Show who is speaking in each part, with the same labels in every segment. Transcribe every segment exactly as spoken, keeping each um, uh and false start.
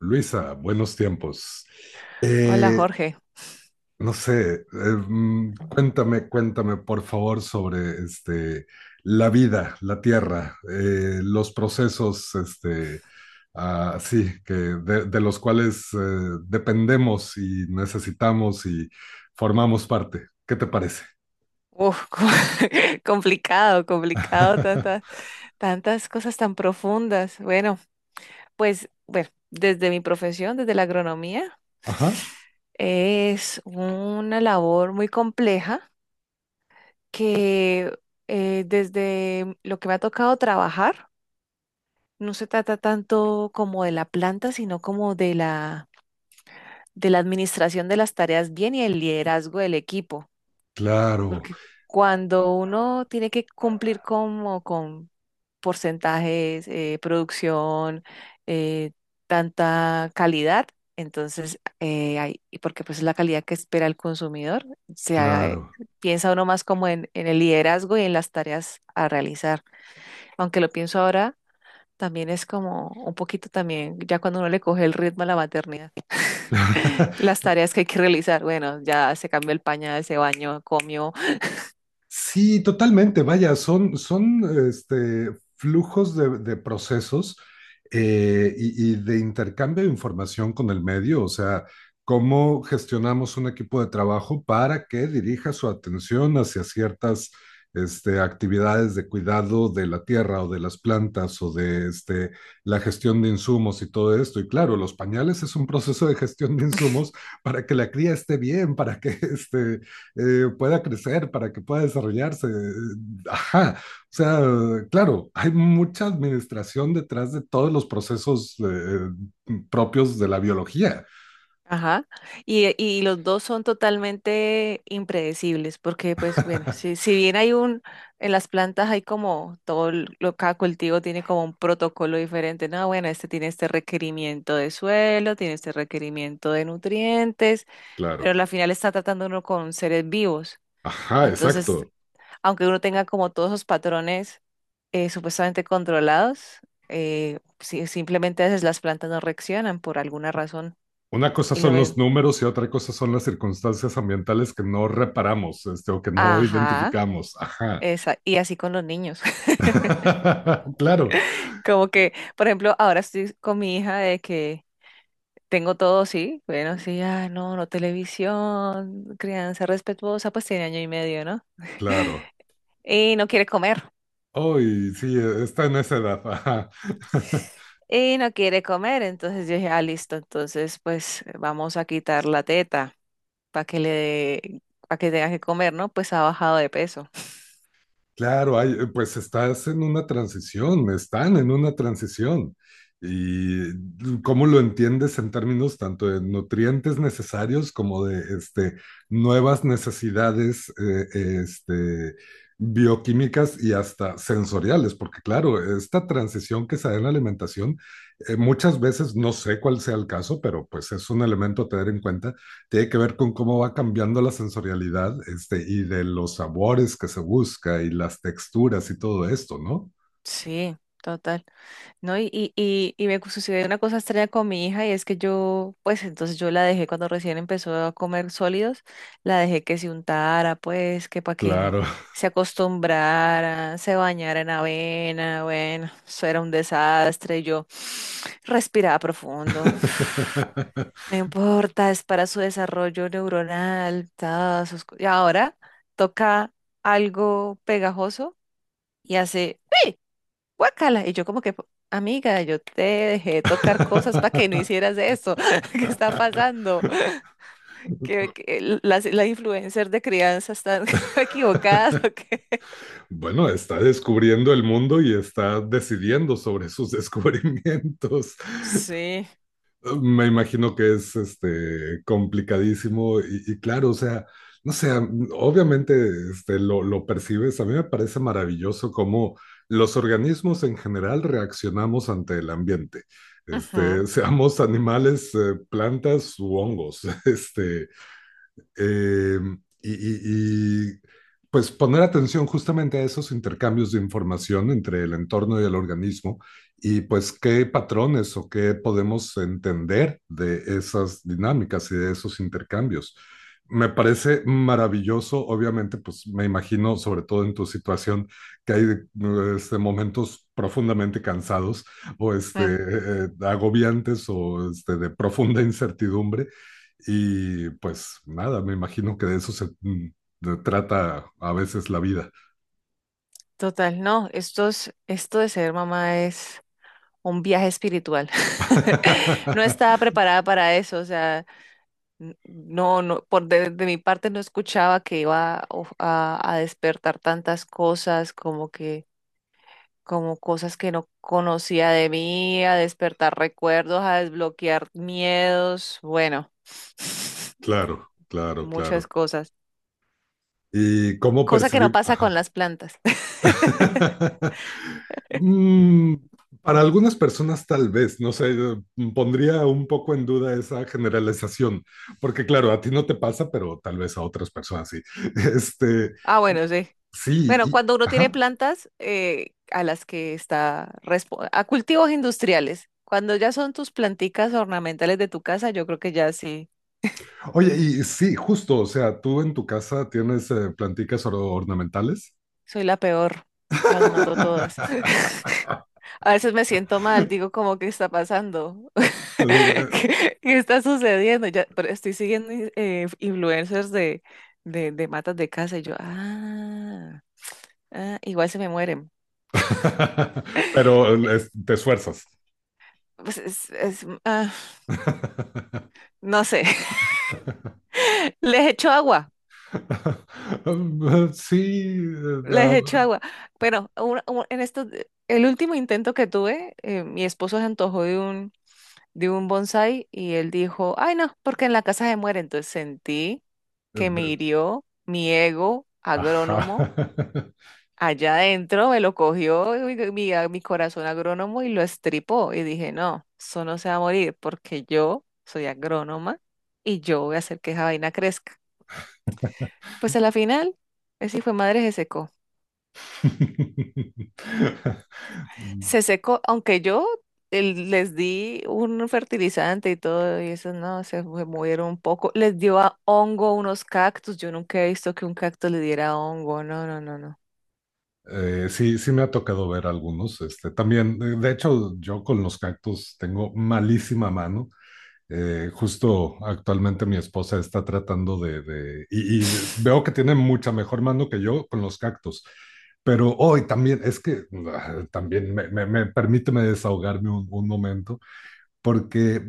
Speaker 1: Luisa, buenos tiempos.
Speaker 2: Hola,
Speaker 1: Eh,
Speaker 2: Jorge.
Speaker 1: no sé, eh, mm, cuéntame, cuéntame por favor sobre este, la vida, la tierra, eh, los procesos, este, ah, sí, que de, de los cuales eh, dependemos y necesitamos y formamos parte. ¿Qué te parece?
Speaker 2: Uf, co- complicado, complicado, tantas, tantas cosas tan profundas. Bueno, pues, bueno, desde mi profesión, desde la agronomía,
Speaker 1: Ajá,
Speaker 2: es una labor muy compleja que eh, desde lo que me ha tocado trabajar, no se trata tanto como de la planta, sino como de la, de la administración de las tareas bien y el liderazgo del equipo.
Speaker 1: claro,
Speaker 2: Porque cuando uno tiene que cumplir como con porcentajes, eh, producción, eh, tanta calidad, entonces, eh, hay- y porque pues es la calidad que espera el consumidor, se, ha- eh,
Speaker 1: claro.
Speaker 2: piensa uno más como en, en el liderazgo y en las tareas a realizar. Aunque lo pienso ahora, también es como un poquito también, ya cuando uno le coge el ritmo a la maternidad, las tareas que hay que realizar, bueno, ya se cambió el pañal, se bañó, comió.
Speaker 1: Sí, totalmente. Vaya, son, son este, flujos de, de procesos eh, y, y de intercambio de información con el medio. O sea, cómo gestionamos un equipo de trabajo para que dirija su atención hacia ciertas este, actividades de cuidado de la tierra o de las plantas o de este, la gestión de insumos y todo esto. Y claro, los pañales es un proceso de gestión de insumos para que la cría esté bien, para que este, eh, pueda crecer, para que pueda desarrollarse. Ajá, o sea, claro, hay mucha administración detrás de todos los procesos eh, propios de la biología.
Speaker 2: Ajá. Y, y los dos son totalmente impredecibles, porque pues bueno, si, si bien hay un, en las plantas hay como todo el- lo, cada cultivo tiene como un protocolo diferente, no, bueno, este tiene este requerimiento de suelo, tiene este requerimiento de nutrientes,
Speaker 1: Claro,
Speaker 2: pero al final está tratando uno con seres vivos.
Speaker 1: ajá,
Speaker 2: Entonces,
Speaker 1: exacto.
Speaker 2: aunque uno tenga como todos esos patrones eh, supuestamente controlados, eh, si- simplemente a veces las plantas no reaccionan por alguna razón.
Speaker 1: Una cosa
Speaker 2: Y lo,
Speaker 1: son los números y otra cosa son las circunstancias ambientales que no reparamos, este, o que no
Speaker 2: Ajá,
Speaker 1: identificamos. Ajá.
Speaker 2: esa, y así con los niños.
Speaker 1: Claro,
Speaker 2: Como que, por ejemplo, ahora estoy con mi hija de que tengo todo, sí, bueno, sí, ah, no, no televisión, crianza respetuosa, pues tiene año y medio, ¿no?
Speaker 1: claro.
Speaker 2: Y no quiere comer,
Speaker 1: Hoy sí, está en esa edad. Ajá.
Speaker 2: y no quiere comer, entonces yo dije, ah, listo, entonces pues vamos a quitar la teta para que le, para que tenga que comer, ¿no? Pues ha bajado de peso.
Speaker 1: Claro, hay, eh, pues estás en una transición, están en una transición. Y mm, Cómo lo entiendes en términos tanto de nutrientes necesarios como de este, nuevas necesidades eh, este, bioquímicas y hasta sensoriales, porque claro, esta transición que se da en la alimentación, eh, muchas veces, no sé cuál sea el caso, pero pues es un elemento a tener en cuenta, tiene que ver con cómo va cambiando la sensorialidad, este, y de los sabores que se busca y las texturas y todo esto, ¿no?
Speaker 2: Sí, total. ¿No? Y, y, y, y me sucedió una cosa extraña con mi hija y es que yo, pues entonces yo la dejé cuando recién empezó a comer sólidos, la dejé que se untara, pues que para que
Speaker 1: Claro.
Speaker 2: se acostumbrara, se bañara en avena, bueno, eso era un desastre, yo respiraba profundo, no importa, es para su desarrollo neuronal, todas sus co- y ahora toca algo pegajoso y hace... ¡pi! Guácala. Y yo como que, amiga, yo te dejé de tocar cosas para que no hicieras esto. ¿Qué está pasando? ¿Que, que l- las, las influencers de crianza están equivocadas o qué?
Speaker 1: Bueno, está descubriendo el mundo y está decidiendo sobre sus descubrimientos.
Speaker 2: Sí.
Speaker 1: Me imagino que es este, complicadísimo y, y claro, o sea, no sé, obviamente este, lo, lo percibes, a mí me parece maravilloso cómo los organismos en general reaccionamos ante el ambiente,
Speaker 2: Ujú.
Speaker 1: este, seamos animales, eh, plantas u hongos, este, eh, y, y, y pues poner atención justamente a esos intercambios de información entre el entorno y el organismo y pues qué patrones o qué podemos entender de esas dinámicas y de esos intercambios. Me parece maravilloso, obviamente, pues me imagino, sobre todo en tu situación, que hay este, momentos profundamente cansados o este,
Speaker 2: mm,
Speaker 1: eh, eh, agobiantes o este, de profunda incertidumbre y pues nada, me imagino que de eso se mm, de- trata a veces la vida.
Speaker 2: Total, no, esto es- esto de ser mamá es un viaje espiritual. No estaba preparada para eso, o sea, n- no, no, por de, de mi parte no escuchaba que iba a, of- a- a despertar tantas cosas, como que como cosas que no conocía de mí, a despertar recuerdos, a desbloquear miedos, bueno,
Speaker 1: Claro, claro, claro.
Speaker 2: muchas cosas.
Speaker 1: ¿Y cómo
Speaker 2: Cosa que no
Speaker 1: percibimos?
Speaker 2: pasa con
Speaker 1: Ajá.
Speaker 2: las plantas.
Speaker 1: Mm, para algunas personas tal vez, no sé, eh, pondría un poco en duda esa generalización, porque claro, a ti no te pasa, pero tal vez a otras personas sí. Este,
Speaker 2: Ah, bueno, sí.
Speaker 1: sí,
Speaker 2: Bueno,
Speaker 1: y,
Speaker 2: cuando uno tiene
Speaker 1: ajá.
Speaker 2: plantas eh, a las que está respo- a cultivos industriales, cuando ya son tus planticas ornamentales de tu casa, yo creo que ya sí,
Speaker 1: Oye, y sí, justo, o sea, tú en tu casa tienes eh, planticas or- ornamentales.
Speaker 2: soy la peor, las mato todas. A veces me siento mal, digo como, ¿qué está pasando? ¿Qué, qué está sucediendo? Ya, pero estoy siguiendo in- eh, influencers de, de, de matas de casa y yo, ah, ah, igual se me mueren.
Speaker 1: Pero es- te esfuerzas.
Speaker 2: Pues es- es- mm, ah, no sé, les echo agua,
Speaker 1: Sí, eh,
Speaker 2: les
Speaker 1: ah,
Speaker 2: echo agua. Bueno, un- un- en esto, el último intento que tuve, eh, mi esposo se antojó de un... de un bonsái y él dijo, ay no, porque en la casa se muere. Entonces sentí que me
Speaker 1: de-
Speaker 2: hirió mi ego
Speaker 1: ajá.
Speaker 2: agrónomo allá adentro, me lo cogió mi, mi mi corazón agrónomo y lo estripó. Y dije, no, eso no se va a morir porque yo soy agrónoma y yo voy a hacer que esa vaina crezca. Pues a la final, ese hijo de madre se secó. Se secó, aunque yo el- les di un fertilizante y todo, y eso no, se fue- murieron un poco. Les dio a hongo unos cactus. Yo nunca he visto que un cactus le diera hongo. No, no, no, no.
Speaker 1: Eh, sí, sí me ha tocado ver algunos. Este, también, de de hecho, yo con los cactus tengo malísima mano. Eh, justo actualmente mi esposa está tratando de, de- y, y veo que tiene mucha mejor mano que yo con los cactus, pero hoy también es que ah, también me, me, me- permíteme desahogarme un, un momento porque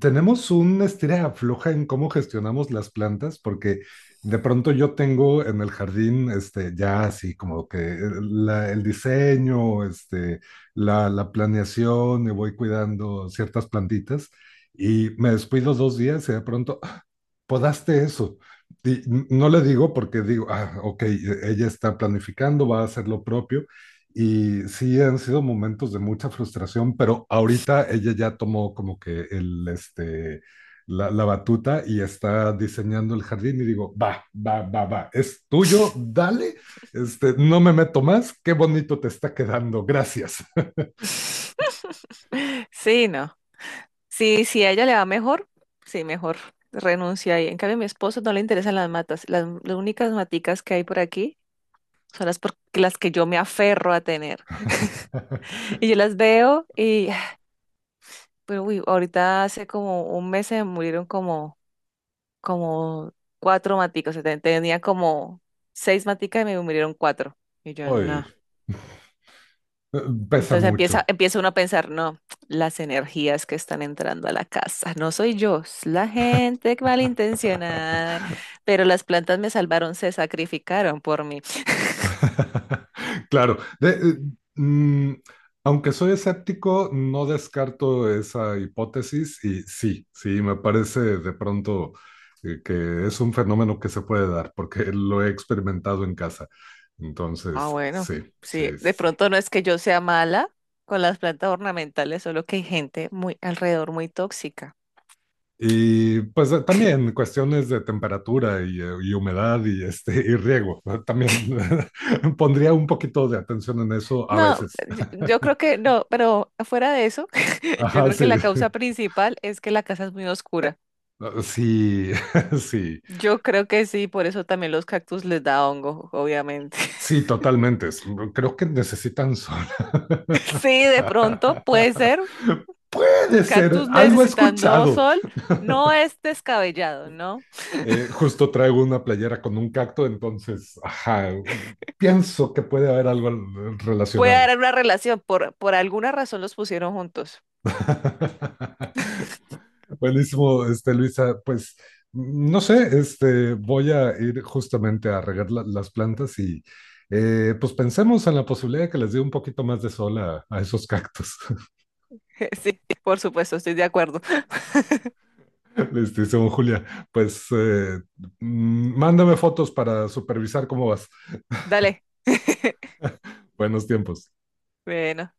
Speaker 1: tenemos un estira y afloja en cómo gestionamos las plantas, porque de pronto yo tengo en el jardín, este, ya así como que eh, la- el diseño, este, la, la planeación, y voy cuidando ciertas plantitas y me descuido dos días y de pronto, podaste eso. Y no le digo porque digo, ah, ok, ella está planificando, va a hacer lo propio. Y sí, han sido momentos de mucha frustración, pero ahorita ella ya tomó como que el, este, la, la batuta y está diseñando el jardín y digo, va, va, va, va, es tuyo, dale, este, no me meto más, qué bonito te está quedando, gracias.
Speaker 2: Sí, no. Sí, si a ella le va mejor, sí, mejor renuncia ahí. En cambio, a mi esposo no le interesan las matas. Las, las únicas maticas que hay por aquí son las, por, las que yo me aferro a tener. Y yo las veo y pero uy, ahorita hace como un mes se murieron como, como cuatro maticos. O sea, te- tenía como seis maticas y me murieron cuatro. Y yo
Speaker 1: Hoy
Speaker 2: no.
Speaker 1: pesa
Speaker 2: Entonces empieza,
Speaker 1: mucho.
Speaker 2: empieza uno a pensar, no, las energías que están entrando a la casa. No soy yo, es la gente malintencionada. Pero las plantas me salvaron, se sacrificaron por mí.
Speaker 1: Claro. De- eh, mm, Aunque soy escéptico, no descarto esa hipótesis y sí, sí, me parece de pronto eh, que es un fenómeno que se puede dar porque lo he experimentado en casa.
Speaker 2: Ah,
Speaker 1: Entonces,
Speaker 2: bueno,
Speaker 1: sí,
Speaker 2: sí,
Speaker 1: sí, sí.
Speaker 2: de
Speaker 1: sí.
Speaker 2: pronto no es que yo sea mala con las plantas ornamentales, solo que hay gente muy alrededor muy tóxica.
Speaker 1: Y pues eh, también cuestiones de temperatura y, eh, y humedad y, este, y riego. ¿No? También pondría un poquito de atención en eso a
Speaker 2: No,
Speaker 1: veces.
Speaker 2: yo, yo creo que no, pero fuera de eso, yo
Speaker 1: Ajá,
Speaker 2: creo
Speaker 1: sí.
Speaker 2: que la causa principal es que la casa es muy oscura.
Speaker 1: Ah, sí, sí,
Speaker 2: Yo creo que sí, por eso también los cactus les da hongo, obviamente.
Speaker 1: sí, totalmente. Es- mm, Creo que necesitan sol.
Speaker 2: Sí, de pronto puede ser un
Speaker 1: Puede ser,
Speaker 2: cactus
Speaker 1: algo he
Speaker 2: necesitando
Speaker 1: escuchado.
Speaker 2: sol, no es descabellado, ¿no?
Speaker 1: Eh, justo traigo una playera con un cacto, entonces, ajá, pienso que puede haber algo al- eh,
Speaker 2: Puede
Speaker 1: relacionado.
Speaker 2: haber una relación, por, por alguna razón los pusieron juntos.
Speaker 1: Buenísimo, este, Luisa, pues mm, no sé, este, voy a ir justamente a regar la- las plantas y eh, pues pensemos en la posibilidad de que les dé un poquito más de sol a, a esos cactus.
Speaker 2: Sí, por supuesto, estoy de acuerdo.
Speaker 1: Les dice un Julia, pues eh, mm, mándame fotos para supervisar cómo vas.
Speaker 2: Dale.
Speaker 1: Buenos tiempos.
Speaker 2: Bueno.